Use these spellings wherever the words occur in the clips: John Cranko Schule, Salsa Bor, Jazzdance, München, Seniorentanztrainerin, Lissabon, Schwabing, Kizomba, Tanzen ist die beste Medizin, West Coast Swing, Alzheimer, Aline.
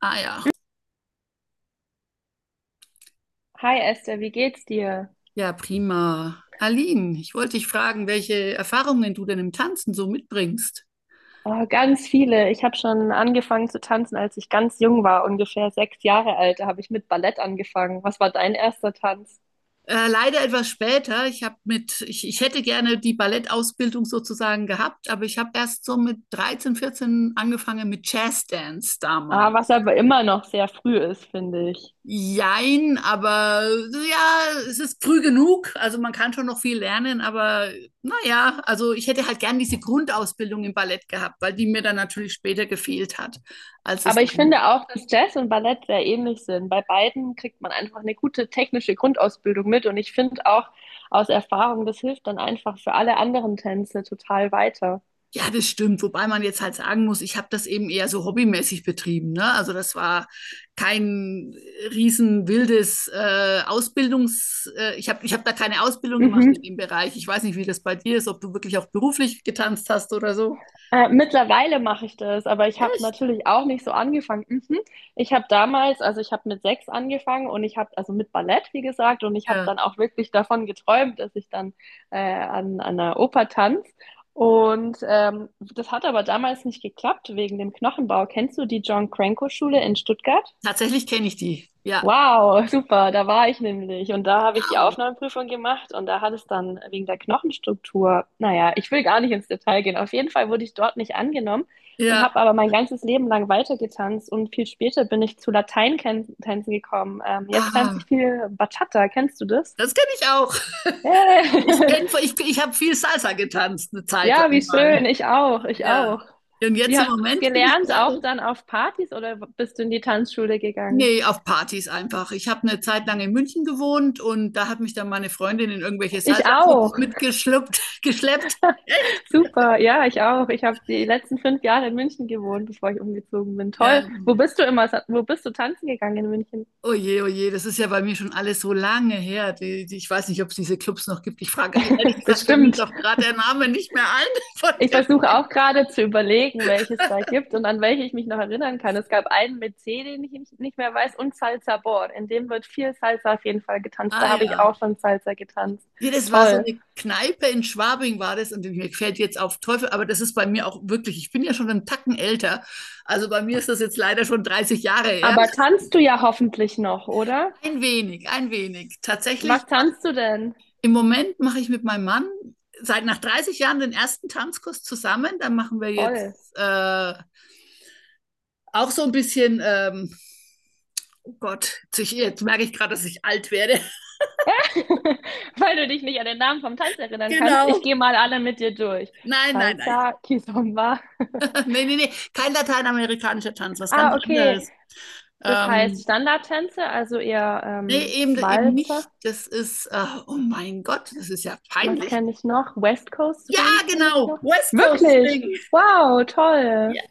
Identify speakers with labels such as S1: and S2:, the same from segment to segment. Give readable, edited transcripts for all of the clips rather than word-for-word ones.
S1: Ah ja.
S2: Hi Esther, wie geht's dir?
S1: Ja, prima. Aline, ich wollte dich fragen, welche Erfahrungen du denn im Tanzen so mitbringst.
S2: Oh, ganz viele. Ich habe schon angefangen zu tanzen, als ich ganz jung war, ungefähr 6 Jahre alt. Da habe ich mit Ballett angefangen. Was war dein erster Tanz?
S1: Leider etwas später. Ich habe mit, ich hätte gerne die Ballettausbildung sozusagen gehabt, aber ich habe erst so mit 13, 14 angefangen mit Jazzdance
S2: Ah, was
S1: damals.
S2: aber immer noch sehr früh ist, finde ich.
S1: Jein, aber ja, es ist früh genug. Also man kann schon noch viel lernen, aber naja, also ich hätte halt gern diese Grundausbildung im Ballett gehabt, weil die mir dann natürlich später gefehlt hat, als es
S2: Aber ich
S1: dann.
S2: finde auch, dass Jazz und Ballett sehr ähnlich sind. Bei beiden kriegt man einfach eine gute technische Grundausbildung mit. Und ich finde auch aus Erfahrung, das hilft dann einfach für alle anderen Tänze total weiter.
S1: Ja, das stimmt. Wobei man jetzt halt sagen muss, ich habe das eben eher so hobbymäßig betrieben. Ne? Also das war kein riesen wildes Ausbildungs. Ich hab da keine Ausbildung gemacht in
S2: Mhm.
S1: dem Bereich. Ich weiß nicht, wie das bei dir ist, ob du wirklich auch beruflich getanzt hast oder so.
S2: Mittlerweile mache ich das, aber ich habe
S1: Echt?
S2: natürlich auch nicht so angefangen. Mhm. Ich habe damals, also ich habe mit 6 angefangen und ich habe, also mit Ballett, wie gesagt, und ich habe
S1: Ja.
S2: dann auch wirklich davon geträumt, dass ich dann an einer Oper tanze. Und das hat aber damals nicht geklappt wegen dem Knochenbau. Kennst du die John Cranko Schule in Stuttgart?
S1: Tatsächlich kenne ich die. Ja.
S2: Wow, super, da war ich nämlich und da habe ich die
S1: Wow.
S2: Aufnahmeprüfung gemacht und da hat es dann wegen der Knochenstruktur, naja, ich will gar nicht ins Detail gehen. Auf jeden Fall wurde ich dort nicht angenommen und habe
S1: Ja.
S2: aber mein ganzes Leben lang weitergetanzt und viel später bin ich zu Lateintänzen gekommen. Jetzt tanze ich
S1: Ah,
S2: viel Bachata, kennst du das?
S1: das kenne ich auch. Ich
S2: Hey.
S1: kenn, ich, ich habe viel Salsa getanzt, eine Zeit
S2: Ja,
S1: lang
S2: wie
S1: mal.
S2: schön, ich auch, ich
S1: Ja.
S2: auch.
S1: Und jetzt
S2: Wie
S1: im
S2: hast du das
S1: Moment bin ich
S2: gelernt?
S1: gerade.
S2: Auch dann auf Partys oder bist du in die Tanzschule gegangen?
S1: Nee, auf Partys einfach. Ich habe eine Zeit lang in München gewohnt und da hat mich dann meine Freundin in irgendwelche
S2: Ich
S1: Salsa-Clubs
S2: auch.
S1: mitgeschleppt, geschleppt. Echt?
S2: Super, ja, ich auch. Ich habe die letzten 5 Jahre in München gewohnt, bevor ich umgezogen bin.
S1: Ja.
S2: Toll. Wo bist du immer? Wo bist du tanzen gegangen in München?
S1: Oh je, das ist ja bei mir schon alles so lange her. Ich weiß nicht, ob es diese Clubs noch gibt. Ich frage, ehrlich gesagt, fällt mir jetzt
S2: Bestimmt.
S1: auch gerade der Name nicht mehr ein, von
S2: Ich
S1: dem.
S2: versuche auch gerade zu überlegen, welche es da gibt und an welche ich mich noch erinnern kann. Es gab einen mit C, den ich nicht mehr weiß, und Salsa Bor. In dem wird viel Salsa auf jeden Fall getanzt. Da
S1: Ah
S2: habe ich
S1: ja.
S2: auch schon Salsa getanzt.
S1: Ja, das war so
S2: Toll.
S1: eine Kneipe in Schwabing war das und mir fällt jetzt auf Teufel, aber das ist bei mir auch wirklich, ich bin ja schon einen Tacken älter. Also bei mir ist das jetzt leider schon 30 Jahre her.
S2: Aber tanzt du ja hoffentlich noch, oder?
S1: Ein wenig, ein wenig.
S2: Was
S1: Tatsächlich,
S2: tanzt du denn?
S1: im Moment mache ich mit meinem Mann seit nach 30 Jahren den ersten Tanzkurs zusammen. Da machen wir
S2: Toll.
S1: jetzt auch so ein bisschen, oh Gott, jetzt merke ich gerade, dass ich alt werde.
S2: Weil du dich nicht an den Namen vom Tanz erinnern kannst.
S1: Genau.
S2: Ich gehe mal alle mit dir durch.
S1: Nein, nein, nein.
S2: Salsa, Kizomba.
S1: Nee, nee, nee. Kein lateinamerikanischer Tanz, was ganz
S2: Ah, okay.
S1: anderes.
S2: Das heißt
S1: Ähm,
S2: Standardtänze, also eher
S1: nee, eben, eben nicht.
S2: Walzer.
S1: Oh mein Gott, das ist ja
S2: Was
S1: peinlich.
S2: kenne ich noch? West Coast Swing
S1: Ah,
S2: kenne ich
S1: genau.
S2: noch.
S1: West Coast
S2: Wirklich?
S1: Swing.
S2: Wow, toll.
S1: Ja.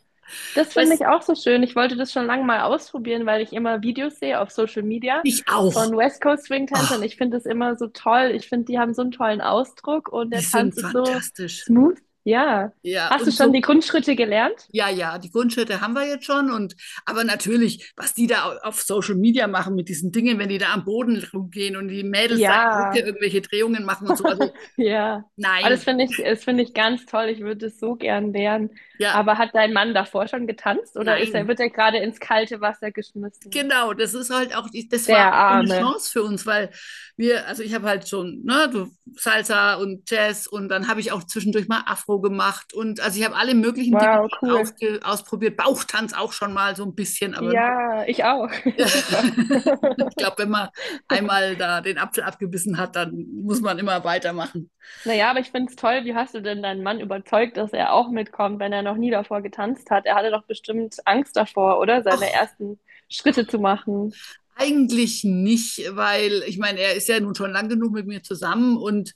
S2: Das finde
S1: West,
S2: ich auch so schön. Ich wollte das schon lange mal ausprobieren, weil ich immer Videos sehe auf Social Media
S1: ich auch.
S2: von West Coast Swing-Tänzern.
S1: Ah.
S2: Ich finde das immer so toll. Ich finde, die haben so einen tollen Ausdruck und
S1: Die
S2: der Tanz
S1: sind
S2: ist so
S1: fantastisch.
S2: smooth. Ja.
S1: Ja,
S2: Hast du
S1: und
S2: schon
S1: so,
S2: die Grundschritte gelernt?
S1: ja, ja, die Grundschritte haben wir jetzt schon. Und aber natürlich, was die da auf Social Media machen mit diesen Dingen, wenn die da am Boden rumgehen und die Mädels da in der
S2: Ja,
S1: Hütte irgendwelche Drehungen machen und so. Also
S2: ja. Aber
S1: nein,
S2: das finde ich ganz toll. Ich würde es so gern lernen.
S1: ja,
S2: Aber hat dein Mann davor schon getanzt oder ist
S1: nein.
S2: er, wird er gerade ins kalte Wasser geschmissen?
S1: Genau, das ist halt auch, das war
S2: Der
S1: auch so eine
S2: Arme.
S1: Chance für uns, weil wir, also ich habe halt schon, ne, du, Salsa und Jazz und dann habe ich auch zwischendurch mal Afro gemacht und also ich habe alle möglichen Dinge
S2: Wow,
S1: schon
S2: cool.
S1: ausprobiert, Bauchtanz auch schon mal so ein bisschen, aber nur.
S2: Ja, ich auch.
S1: Ja.
S2: Super.
S1: Ich glaube, wenn man einmal da den Apfel abgebissen hat, dann muss man immer weitermachen.
S2: Naja, aber ich finde es toll, wie hast du denn deinen Mann überzeugt, dass er auch mitkommt, wenn er noch nie davor getanzt hat? Er hatte doch bestimmt Angst davor, oder? Seine
S1: Ach,
S2: ersten Schritte zu machen.
S1: eigentlich nicht, weil ich meine, er ist ja nun schon lang genug mit mir zusammen und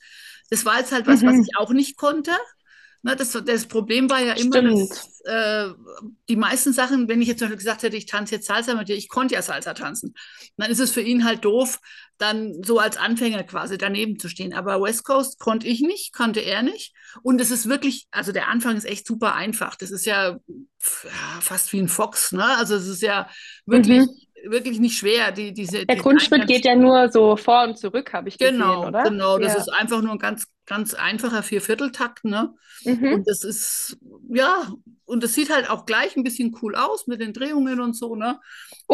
S1: das war jetzt halt was, was ich
S2: Mhm.
S1: auch nicht konnte. Ne, das Problem war ja immer,
S2: Stimmt.
S1: dass die meisten Sachen, wenn ich jetzt zum Beispiel gesagt hätte, ich tanze jetzt Salsa mit dir, ich konnte ja Salsa tanzen, dann ist es für ihn halt doof, dann so als Anfänger quasi daneben zu stehen. Aber West Coast konnte ich nicht, konnte er nicht. Und es ist wirklich, also der Anfang ist echt super einfach. Das ist ja pf, ja, fast wie ein Fox, ne? Also es ist ja wirklich
S2: Mhm.
S1: wirklich nicht schwer, die, diese,
S2: Der
S1: diese
S2: Grundschritt
S1: Eingangs.
S2: geht ja nur so vor und zurück, habe ich gesehen,
S1: Genau,
S2: oder?
S1: genau. Das ist
S2: Ja.
S1: einfach nur ein ganz, ganz einfacher Viervierteltakt, ne? Und
S2: Mhm.
S1: das ist, ja, und das sieht halt auch gleich ein bisschen cool aus mit den Drehungen und so, ne?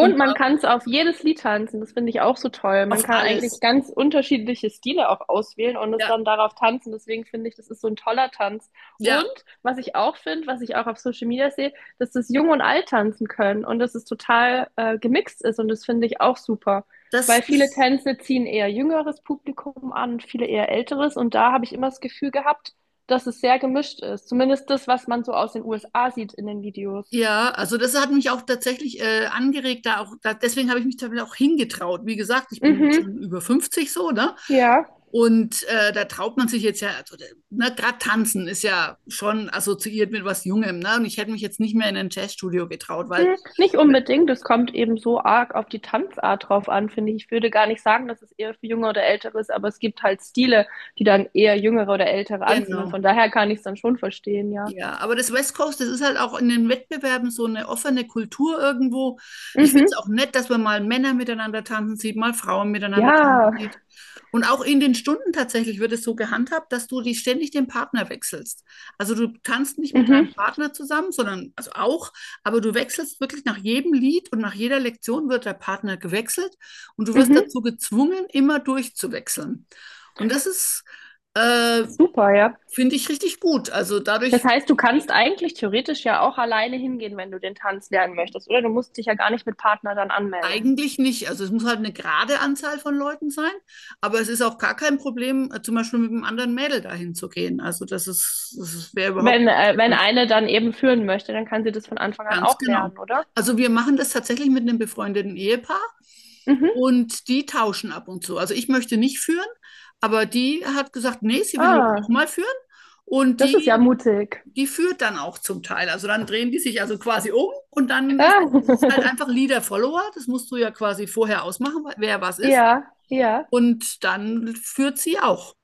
S1: Und
S2: man kann es auf jedes Lied tanzen, das finde ich auch so toll. Man
S1: auf
S2: kann eigentlich
S1: alles.
S2: ganz unterschiedliche Stile auch auswählen und es
S1: Ja,
S2: dann darauf tanzen. Deswegen finde ich, das ist so ein toller Tanz. Und
S1: ja,
S2: was ich auch finde, was ich auch auf Social Media sehe, dass das Jung und Alt tanzen können und dass es total gemixt ist und das finde ich auch super.
S1: das
S2: Weil viele
S1: ist.
S2: Tänze ziehen eher jüngeres Publikum an, viele eher älteres und da habe ich immer das Gefühl gehabt, dass es sehr gemischt ist. Zumindest das, was man so aus den USA sieht in den Videos.
S1: Ja, also das hat mich auch tatsächlich angeregt, da auch, da, deswegen habe ich mich damit auch hingetraut. Wie gesagt, ich bin jetzt
S2: Mhm,
S1: schon über 50 so, ne?
S2: ja.
S1: Und da traut man sich jetzt ja, also, ne, gerade tanzen ist ja schon assoziiert mit was Jungem, ne? Und ich hätte mich jetzt nicht mehr in ein Jazzstudio getraut, weil,
S2: Hm, nicht
S1: ne,
S2: unbedingt, es kommt eben so arg auf die Tanzart drauf an, finde ich. Ich würde gar nicht sagen, dass es eher für Junge oder Ältere ist, aber es gibt halt Stile, die dann eher Jüngere oder Ältere anziehen und
S1: genau.
S2: von daher kann ich es dann schon verstehen, ja.
S1: Ja, aber das West Coast, das ist halt auch in den Wettbewerben so eine offene Kultur irgendwo. Ich finde es
S2: Mhm,
S1: auch nett, dass man mal Männer miteinander tanzen sieht, mal Frauen miteinander tanzen
S2: ja,
S1: sieht. Und auch in den Stunden tatsächlich wird es so gehandhabt, dass du die ständig den Partner wechselst. Also du tanzt nicht mit deinem
S2: mhm,
S1: Partner zusammen, sondern also auch, aber du wechselst wirklich nach jedem Lied und nach jeder Lektion wird der Partner gewechselt und du wirst
S2: mhm,
S1: dazu gezwungen, immer durchzuwechseln. Und äh,
S2: super, ja.
S1: finde ich richtig gut. Also
S2: Das
S1: dadurch.
S2: heißt, du kannst eigentlich theoretisch ja auch alleine hingehen, wenn du den Tanz lernen möchtest, oder? Du musst dich ja gar nicht mit Partner dann anmelden.
S1: Eigentlich nicht. Also es muss halt eine gerade Anzahl von Leuten sein, aber es ist auch gar kein Problem, zum Beispiel mit einem anderen Mädel dahin zu gehen. Also das ist, das wäre überhaupt
S2: Wenn,
S1: kein
S2: wenn
S1: Problem.
S2: eine dann eben führen möchte, dann kann sie das von Anfang an
S1: Ganz
S2: auch
S1: genau.
S2: lernen, oder?
S1: Also wir machen das tatsächlich mit einem befreundeten Ehepaar
S2: Mhm.
S1: und die tauschen ab und zu. Also ich möchte nicht führen, aber die hat gesagt, nee, sie will jetzt auch
S2: Ah,
S1: mal führen. Und
S2: das ist
S1: die,
S2: ja mutig.
S1: die führt dann auch zum Teil. Also dann drehen die sich also quasi um und dann ist
S2: Ah,
S1: es halt einfach Leader-Follower. Das musst du ja quasi vorher ausmachen, wer was ist.
S2: ja, ja.
S1: Und dann führt sie auch.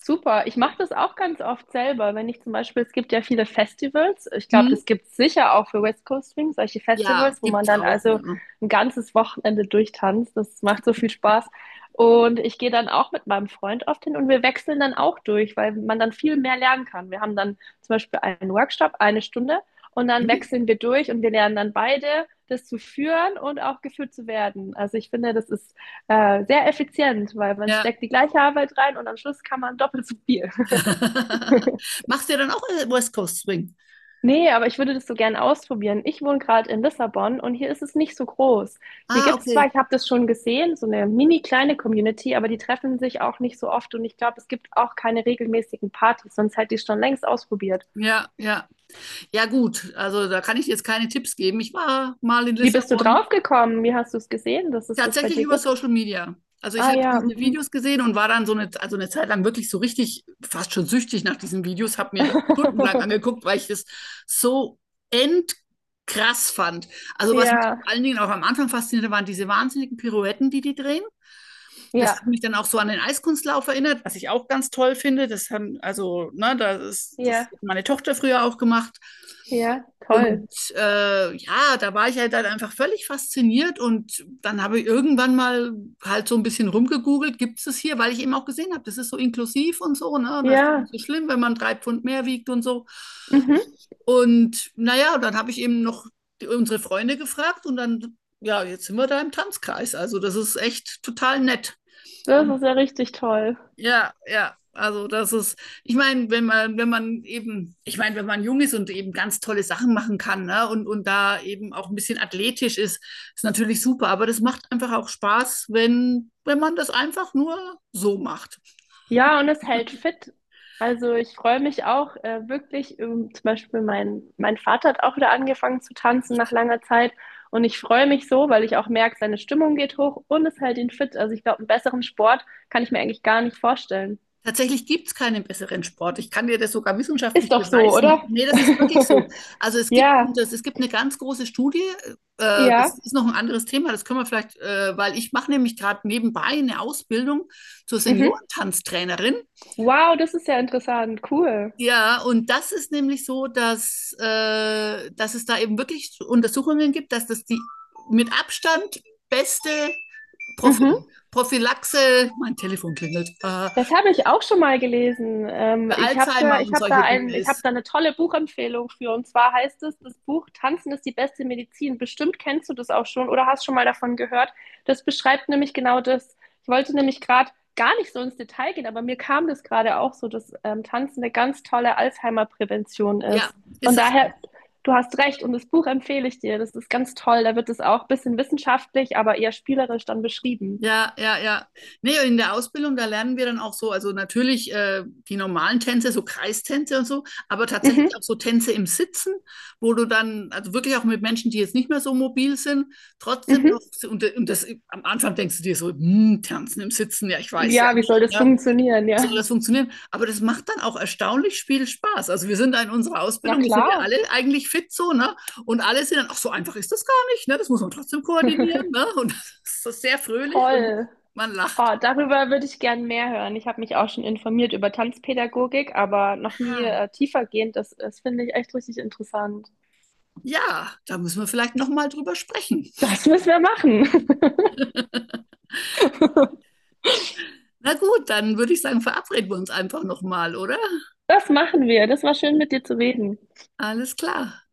S2: Super. Ich mache das auch ganz oft selber. Wenn ich zum Beispiel, es gibt ja viele Festivals. Ich glaube,
S1: Mhm.
S2: das gibt es sicher auch für West Coast Swing, solche
S1: Ja,
S2: Festivals, wo man
S1: gibt's
S2: dann
S1: auch,
S2: also
S1: ja.
S2: ein ganzes Wochenende durchtanzt. Das macht so viel Spaß. Und ich gehe dann auch mit meinem Freund oft hin und wir wechseln dann auch durch, weil man dann viel mehr lernen kann. Wir haben dann zum Beispiel einen Workshop, eine Stunde, und dann
S1: Mhm.
S2: wechseln wir durch und wir lernen dann beide, das zu führen und auch geführt zu werden. Also ich finde, das ist sehr effizient, weil man
S1: Ja.
S2: steckt die gleiche Arbeit rein und am Schluss kann man doppelt so viel.
S1: Machst du ja dann auch West Coast Swing?
S2: Nee, aber ich würde das so gern ausprobieren. Ich wohne gerade in Lissabon und hier ist es nicht so groß. Hier
S1: Ah,
S2: gibt es zwar,
S1: okay.
S2: ich habe das schon gesehen, so eine mini kleine Community, aber die treffen sich auch nicht so oft und ich glaube, es gibt auch keine regelmäßigen Partys, sonst hätte ich es schon längst ausprobiert.
S1: Ja, ja. Ja, gut. Also da kann ich jetzt keine Tipps geben. Ich war mal in
S2: Wie bist du
S1: Lissabon.
S2: drauf gekommen? Wie hast du es gesehen, dass es das bei
S1: Tatsächlich
S2: dir
S1: über
S2: gibt?
S1: Social Media. Also ich
S2: Ah
S1: habe
S2: ja,
S1: diese
S2: mhm.
S1: Videos gesehen und war dann so eine, also eine Zeit lang wirklich so richtig fast schon süchtig nach diesen Videos, habe mir die stundenlang angeguckt, weil ich das so endkrass fand. Also was mich vor
S2: Ja,
S1: allen Dingen auch am Anfang faszinierte, waren diese wahnsinnigen Pirouetten, die die drehen. Das
S2: ja,
S1: hat mich dann auch so an den Eiskunstlauf erinnert, was ich auch ganz toll finde. Das haben, also, ne, das ist, das
S2: ja,
S1: hat meine Tochter früher auch gemacht.
S2: ja,
S1: Und
S2: toll.
S1: ja, da war ich halt dann einfach völlig fasziniert und dann habe ich irgendwann mal halt so ein bisschen rumgegoogelt, gibt es es hier, weil ich eben auch gesehen habe, das ist so inklusiv und so, ne? Das ist
S2: Ja,
S1: nicht so schlimm, wenn man drei Pfund mehr wiegt und so.
S2: mhm.
S1: Und naja, dann habe ich eben noch die, unsere Freunde gefragt und dann, ja, jetzt sind wir da im Tanzkreis. Also das ist echt total nett.
S2: Das
S1: Und
S2: ist ja richtig toll.
S1: ja, ja, also das ist, ich meine, wenn man, wenn man eben, ich meine, wenn man jung ist und eben ganz tolle Sachen machen kann, ne, und da eben auch ein bisschen athletisch ist, ist natürlich super. Aber das macht einfach auch Spaß, wenn, wenn man das einfach nur so macht.
S2: Ja, und es hält fit. Also ich freue mich auch wirklich, zum Beispiel mein Vater hat auch wieder angefangen zu tanzen nach langer Zeit. Und ich freue mich so, weil ich auch merke, seine Stimmung geht hoch und es hält ihn fit. Also ich glaube, einen besseren Sport kann ich mir eigentlich gar nicht vorstellen.
S1: Tatsächlich gibt es keinen besseren Sport. Ich kann dir das sogar
S2: Ist
S1: wissenschaftlich
S2: doch so,
S1: beweisen.
S2: oder?
S1: Nee, das ist wirklich so. Also es gibt,
S2: Ja,
S1: das, es gibt eine ganz große Studie,
S2: ja.
S1: das ist noch ein anderes Thema, das können wir vielleicht, weil ich mache nämlich gerade nebenbei eine Ausbildung zur
S2: Mhm.
S1: Seniorentanztrainerin.
S2: Wow, das ist ja interessant. Cool.
S1: Ja, und das ist nämlich so, dass, dass es da eben wirklich Untersuchungen gibt, dass das die mit Abstand beste Prophy
S2: Mhm.
S1: Prophylaxe, mein Telefon klingelt,
S2: Das habe ich auch schon mal gelesen.
S1: für Alzheimer und solche Dinge
S2: Ich habe
S1: ist.
S2: da eine tolle Buchempfehlung für. Und zwar heißt es, das Buch Tanzen ist die beste Medizin. Bestimmt kennst du das auch schon oder hast schon mal davon gehört. Das beschreibt nämlich genau das. Ich wollte nämlich gerade gar nicht so ins Detail gehen, aber mir kam das gerade auch so, dass Tanzen eine ganz tolle Alzheimer-Prävention
S1: Ja,
S2: ist. Von
S1: ist es
S2: daher,
S1: auch.
S2: du hast recht und das Buch empfehle ich dir. Das ist ganz toll. Da wird es auch ein bisschen wissenschaftlich, aber eher spielerisch dann beschrieben.
S1: Ja, ja, ja. Nee, in der Ausbildung, da lernen wir dann auch so, also natürlich die normalen Tänze, so Kreistänze und so, aber tatsächlich
S2: Mhm,
S1: auch so Tänze im Sitzen, wo du dann, also wirklich auch mit Menschen, die jetzt nicht mehr so mobil sind, trotzdem noch,
S2: mhm.
S1: und das am Anfang denkst du dir so, hm, Tanzen im Sitzen, ja, ich weiß ja
S2: Ja, wie soll
S1: nicht,
S2: das
S1: ja,
S2: funktionieren?
S1: soll
S2: Ja.
S1: das funktionieren? Aber das macht dann auch erstaunlich viel Spaß. Also wir sind da in unserer
S2: Na
S1: Ausbildung, wir sind ja
S2: klar.
S1: alle eigentlich fit so, ne? Und alle sind dann, ach, so einfach ist das gar nicht, ne? Das muss man trotzdem koordinieren, ne? Und das ist so sehr fröhlich und
S2: Toll.
S1: man lacht.
S2: Oh, darüber würde ich gern mehr hören. Ich habe mich auch schon informiert über Tanzpädagogik, aber noch nie
S1: Ah.
S2: tiefergehend. Das, das finde ich echt richtig interessant.
S1: Ja, da müssen wir vielleicht nochmal drüber sprechen.
S2: Das müssen wir machen.
S1: Na gut, dann würde ich sagen, verabreden wir uns einfach nochmal, oder?
S2: Das machen wir. Das war schön, mit dir zu reden.
S1: Alles klar.